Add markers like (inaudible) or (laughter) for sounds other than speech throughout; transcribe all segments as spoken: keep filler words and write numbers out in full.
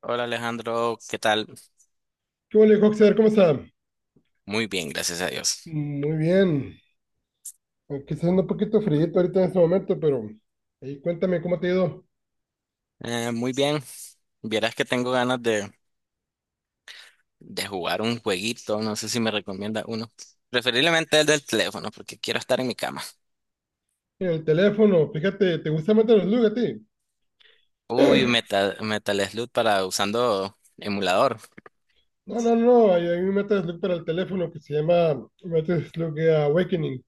Hola Alejandro, ¿qué tal? ¿Qué hubo, Hoxer? ¿Cómo está? Muy bien, gracias a Dios. Muy bien. Aunque está haciendo un poquito frío ahorita en este momento, pero ahí cuéntame cómo te ha ido Eh, muy bien, vieras que tengo ganas de, de jugar un jueguito, no sé si me recomienda uno. Preferiblemente el del teléfono, porque quiero estar en mi cama. en el teléfono. Fíjate, ¿te gusta Metal Slug a ti? Uy, Metal, Metal Slug para usando emulador. No, no, no. Hay, hay un Metal Slug para el teléfono que se llama Metal Slug Awakening.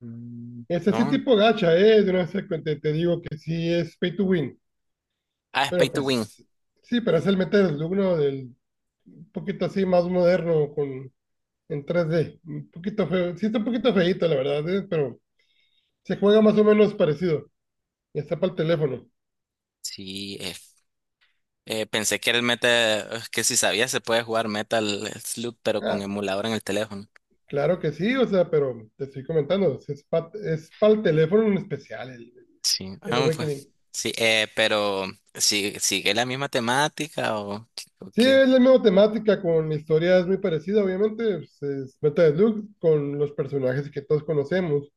Mm, Es así no. tipo gacha, ¿eh? De una vez te, te te digo que sí es pay to win. Ah, es Pay Pero to Win. pues, sí, pero es el Metal Slug, ¿no? Del, un poquito así más moderno, con, en tres d. Un poquito feo. Sí, está un poquito feíto, la verdad, ¿eh? Pero se juega más o menos parecido. Está para el teléfono. Sí, eh, eh, pensé que era el Metal, es que si sabía se puede jugar Metal Slug, pero con Ah, emulador en el teléfono. claro que sí, o sea, pero te estoy comentando, es, es pa- es para el teléfono en especial, el, Sí, el ah, fue. Awakening. Sí, eh, pero ¿sí- sigue la misma temática o, ¿o Sí, qué? es la misma temática, con historias muy parecidas, obviamente, pues, es Beta de Luke, con los personajes que todos conocemos,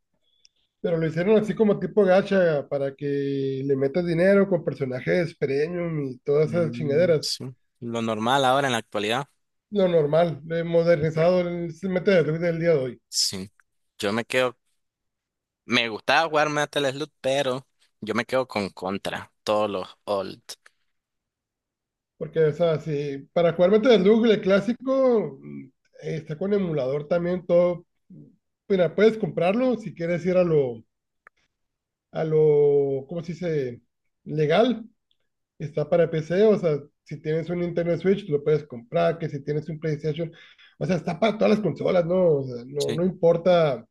pero lo hicieron así como tipo gacha, para que le metas dinero con personajes premium y todas esas Mm, chingaderas. sí, lo normal ahora en la actualidad. Lo normal, lo he modernizado, el Beta de Luke del día de hoy. Sí, yo me quedo, me gustaba jugar Metal Slug, pero yo me quedo con Contra, todos los old. Porque, o sea, si para jugar Battle del Google clásico, mm, eh, está con emulador también todo. Mira, puedes comprarlo si quieres ir a lo, a lo, ¿cómo se dice? Legal. Está para P C, o sea, si tienes un Nintendo Switch, lo puedes comprar, que si tienes un PlayStation, o sea, está para todas las consolas, ¿no? O sea, no, Sí, no importa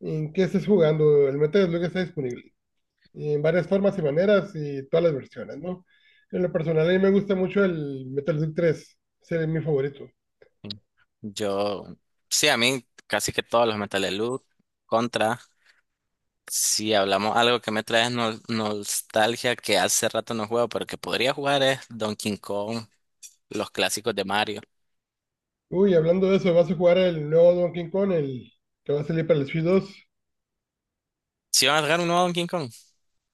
en qué estés jugando, el Metal Slug está disponible y en varias formas y maneras y todas las versiones, ¿no? En lo personal, a mí me gusta mucho el Metal Slug tres, ese es mi favorito. sí. yo, sí, a mí casi que todos los Metal Slug, Contra. Si hablamos algo que me trae nol- nostalgia, que hace rato no juego, pero que podría jugar, es Donkey Kong, los clásicos de Mario. Uy, hablando de eso, ¿vas a jugar el nuevo Donkey Kong, el que va a salir para el Switch dos? ¿Sí van a sacar un nuevo Donkey Kong?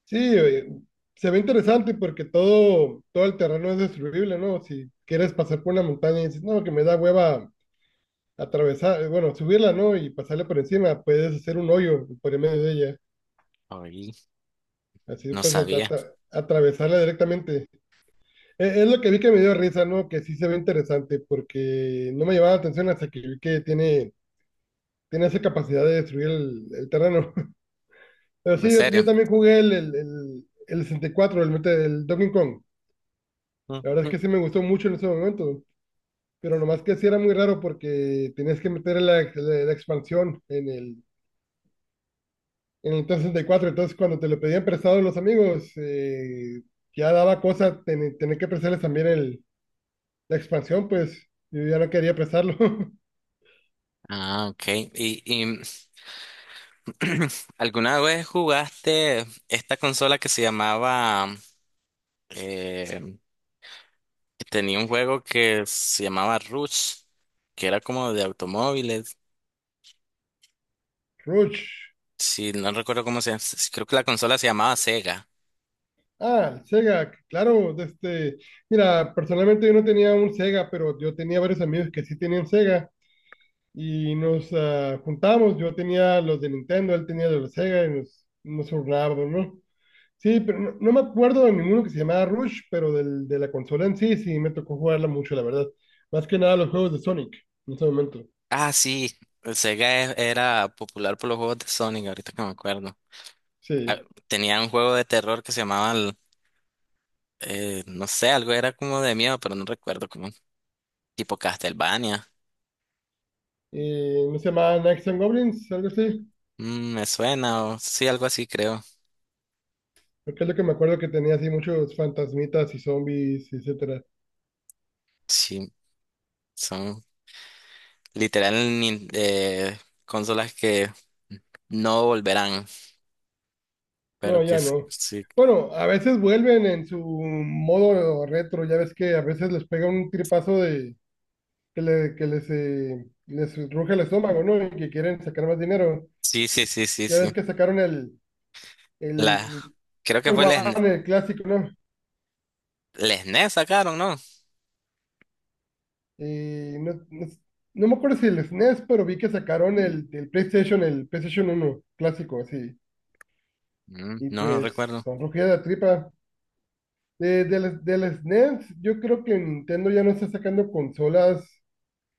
Sí, oye, se ve interesante porque todo, todo el terreno es destruible, ¿no? Si quieres pasar por una montaña y dices, no, que me da hueva atravesar, eh, bueno, subirla, ¿no? Y pasarla por encima, puedes hacer un hoyo por en medio de ella. Ay, Así no puedes atra- sabía. atra- atravesarla directamente. E- Es lo que vi que me dio risa, ¿no? Que sí se ve interesante, porque no me llevaba la atención hasta que vi que tiene, tiene esa capacidad de destruir el, el terreno. (laughs) Pero ¿En sí, yo, yo serio? también jugué el, el, el, el sesenta y cuatro, el, mete- el Donkey Kong. Ujú. La verdad es que sí me gustó mucho en ese momento, pero nomás que sí era muy raro porque tenías que meter la, la- la expansión en el, en el Nintendo sesenta y cuatro. Entonces, cuando te lo pedían prestado los amigos, eh, ya daba cosa ten- tener que prestarles también el, la expansión, pues yo ya no quería prestarlo. (laughs) Ah, ok. ¿Y, y (clears throat) alguna vez jugaste esta consola que se llamaba... eh, tenía un juego que se llamaba Rush, que era como de automóviles. Rush. Sí, no recuerdo cómo se llama. Sí, creo que la consola se llamaba Sega. Ah, el Sega, claro, de este, mira, personalmente yo no tenía un Sega, pero yo tenía varios amigos que sí tenían Sega y nos ah, juntábamos, yo tenía los de Nintendo, él tenía los de Sega y nos, nos turnábamos, ¿no? Sí, pero no, no me acuerdo de ninguno que se llamaba Rush, pero del, de la consola en sí, sí, me tocó jugarla mucho, la verdad. Más que nada los juegos de Sonic en ese momento, Ah, sí. Sega e- era popular por los juegos de Sonic, ahorita que me acuerdo. Ah, sí. tenía un juego de terror que se llamaba... eh, no sé, algo era como de miedo, pero no recuerdo, como tipo Castlevania. Y no se llamaban Knights and Goblins, algo así, Mm, me suena, o sí, algo así creo. porque es lo que me acuerdo que tenía así muchos fantasmitas y zombies, etcétera. Sí, son literal nin- eh, consolas que no volverán, pero No, que ya s- no. sí, Bueno, a veces vuelven en su modo retro, ya ves que a veces les pega un tripazo de que, le- que les, eh, les ruge el estómago, ¿no? Y que quieren sacar más dinero. sí, sí, sí, sí, Ya sí. ves que sacaron el, La, el, creo que fue el S N E S, One, el clásico, ¿no? el S N E S sacaron, ¿no? Eh, no, no s- no me acuerdo si el S N E S, pero vi que sacaron el, el PlayStation, el PlayStation uno clásico, así. Mm, Y no, no pues recuerdo. son rugidas de tripa. De, del, del S N E S, yo creo que Nintendo ya no está sacando consolas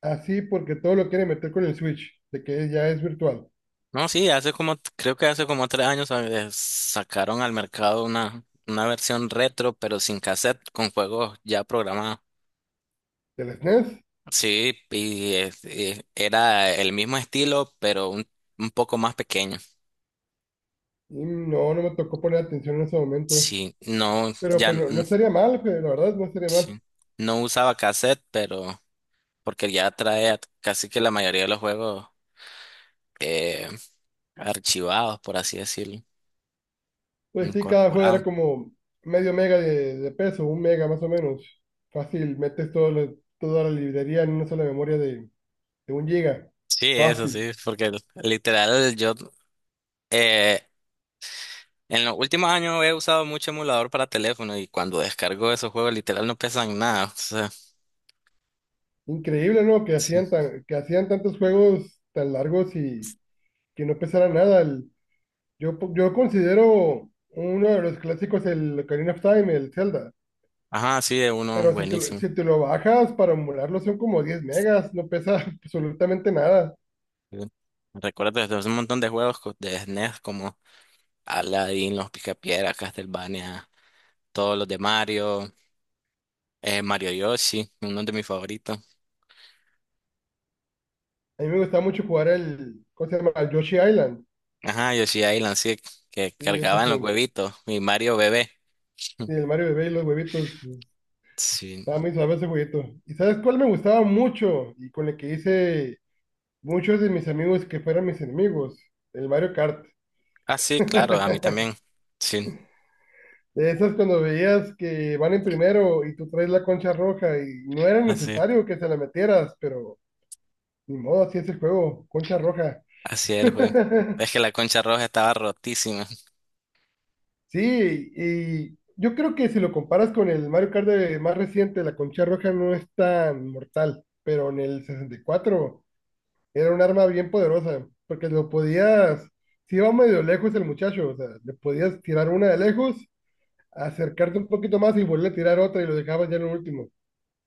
así porque todo lo quiere meter con el Switch, de que ya es virtual. No, sí, hace como, creo que hace como tres años, eh, sacaron al mercado una, una versión retro, pero sin cassette, con juegos ya programados. Del S N E S, Sí, y eh, eh, era el mismo estilo, pero un, un poco más pequeño. y no, no me tocó poner atención en ese momento. Sí, no, Pero ya pues n- no, no sería mal, pues, la verdad, no sería mal. sí, no usaba cassette, pero porque ya trae casi que la mayoría de los juegos, eh, archivados, por así decirlo, Pues sí, cada juego era incorporados. como medio mega de, de peso, un mega más o menos. Fácil, metes todo lo- toda la librería en una sola memoria de, de un giga. Sí, eso sí, Fácil. porque literal yo eh, en los últimos años he usado mucho emulador para teléfono, y cuando descargo esos juegos literal no pesan nada. O sea, Increíble, ¿no? Que sí. hacían tan, que hacían tantos juegos tan largos y que no pesara nada. El, Yo, po- yo considero uno de los clásicos el Ocarina of Time, el Zelda, Ajá, sí, es uno pero si te, lo- buenísimo. si te lo bajas para emularlo son como diez megas, no pesa (laughs) absolutamente nada. Sí. Recuerdo desde un montón de juegos co- de S N E S como Aladdin, Los Picapiedra, Castlevania, todos los de Mario, eh, Mario Yoshi, uno de mis favoritos. A mí me gusta mucho jugar el, ¿cómo se llama? El Yoshi Island. Ajá, Yoshi Island, sí, que Sí, eso es cargaban los un- huevitos, y Mario bebé. sí, el Mario Bebé y los huevitos. Sí. Estaba muy suave ese jueguito. ¿Y sabes cuál me gustaba mucho? Y con el que hice muchos de mis amigos que fueran mis enemigos, el Mario Kart. Ah, sí, claro, a mí (laughs) también. Sí, De esas cuando veías que van en primero y tú traes la concha roja y no era así, necesario que se la metieras, pero ni modo, así es el juego, concha roja. así es el juego. (laughs) Es que la concha roja estaba rotísima. Sí, y yo creo que si lo comparas con el Mario Kart de- más reciente, la concha roja no es tan mortal, pero en el sesenta y cuatro era un arma bien poderosa, porque lo podías, si iba medio lejos el muchacho, o sea, le podías tirar una de lejos, acercarte un poquito más y volver a tirar otra y lo dejabas ya en el último.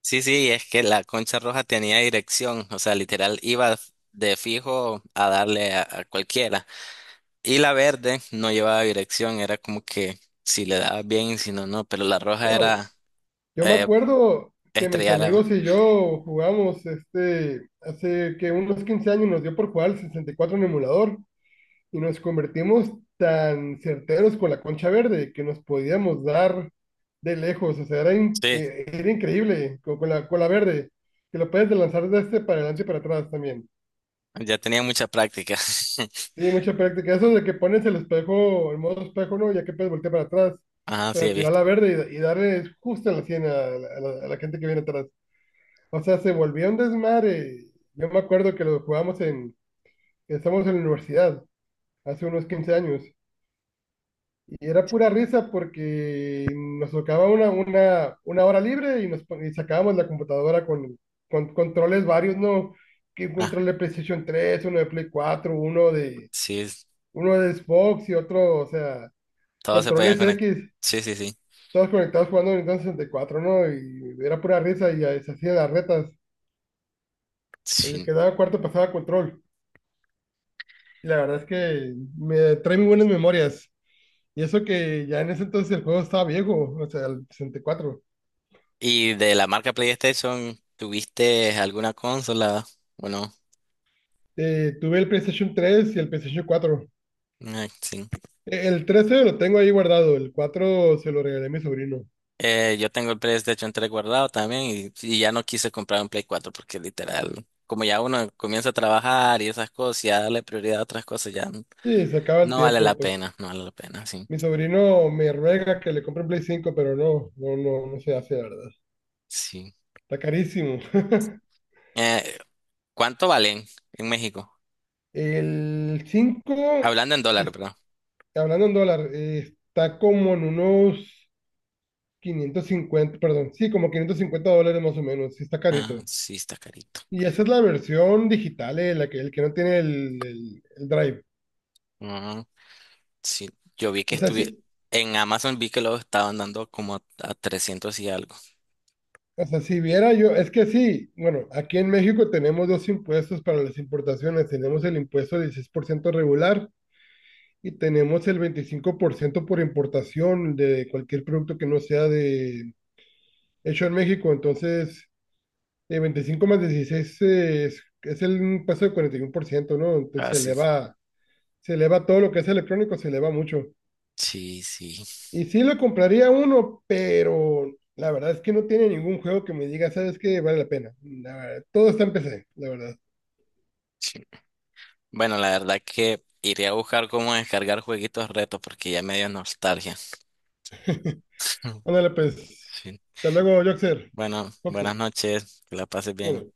Sí, sí, es que la concha roja tenía dirección, o sea, literal, iba de fijo a darle a a cualquiera. Y la verde no llevaba dirección, era como que si le daba bien, si no, no, pero la roja No, era yo me eh, acuerdo que mis estrellada. amigos y yo jugamos este, hace que unos quince años nos dio por jugar al sesenta y cuatro en emulador y nos convertimos tan certeros con la concha verde que nos podíamos dar de lejos, o sea, era, in- Sí, eh, era increíble con, con la, con la verde, que lo puedes lanzar de este para adelante y para atrás también. ya tenía mucha práctica. Sí, mucha práctica, eso de que pones el espejo, el modo espejo, ¿no? Ya que puedes voltear para atrás (laughs) Ajá, sí, para he tirar visto. la verde y, y darle justo en la sien a, la a la- a la gente que viene atrás. O sea, se volvió un desmadre. Yo me acuerdo que lo jugamos en, que estábamos en la universidad, hace unos quince años, y era pura risa porque nos tocaba una, una, una hora libre y, nos, pon- y sacábamos la computadora con, con controles varios, ¿no? Que un Ah, control de PlayStation tres, uno de Play cuatro, uno de, sí, uno de Xbox y otro, o sea, todos se podían controles conectar. X, Sí, sí, sí, todos conectados jugando Nintendo sesenta y cuatro, ¿no? Y era pura risa y ahí se hacían las retas. El sí. que daba cuarto pasaba control. La verdad es que me trae muy buenas memorias. Y eso que ya en ese entonces el juego estaba viejo, o sea, el sesenta y cuatro. ¿Y de la marca PlayStation, tuviste alguna consola? Bueno, Eh, tuve el PlayStation tres y el PlayStation cuatro. sí. Eh, El trece lo tengo ahí guardado, el cuatro se lo regalé a mi sobrino. Eh, yo tengo el PlayStation tres guardado también, y, y ya no quise comprar un Play cuatro, porque literal, como ya uno comienza a trabajar y esas cosas, ya darle prioridad a otras cosas, ya. Sí, se acaba el No vale tiempo, la pues. pena, no vale la pena, sí. Mi sobrino me ruega que le compre un Play cinco, pero no, no, no, no se hace, la verdad. Sí. Está carísimo. (laughs) Eh, ¿cuánto valen en México? El cinco Hablando en dólar, es- bro. hablando en dólar, eh, está como en unos quinientos cincuenta, perdón, sí, como quinientos cincuenta dólares más o menos, sí está Ah, carito. sí, está carito. Y esa es la versión digital, eh, la que, el que no tiene el, el- el Drive. Ah, sí, yo vi que O sea, estuve sí, en Amazon, vi que lo estaban dando como a trescientos y algo. o sea, si viera yo, es que sí, bueno, aquí en México tenemos dos impuestos para las importaciones. Tenemos el impuesto del dieciséis por ciento regular y tenemos el veinticinco por ciento por importación de cualquier producto que no sea de hecho en México. Entonces, eh, veinticinco más dieciséis es, es el impuesto del cuarenta y uno por ciento, ¿no? Entonces se Así. eleva. Se le va todo lo que es electrónico, se le va mucho. Sí, sí, sí. Y sí le compraría uno, pero la verdad es que no tiene ningún juego que me diga, ¿sabes qué? Vale la pena. La verdad, todo está en P C, la verdad. Bueno, la verdad que iré a buscar cómo descargar jueguitos retos porque ya me dio nostalgia. (laughs) Ándale, pues. Sí. Hasta luego, Joxer. Bueno, Joxer. buenas noches, que la pases bien. Dale.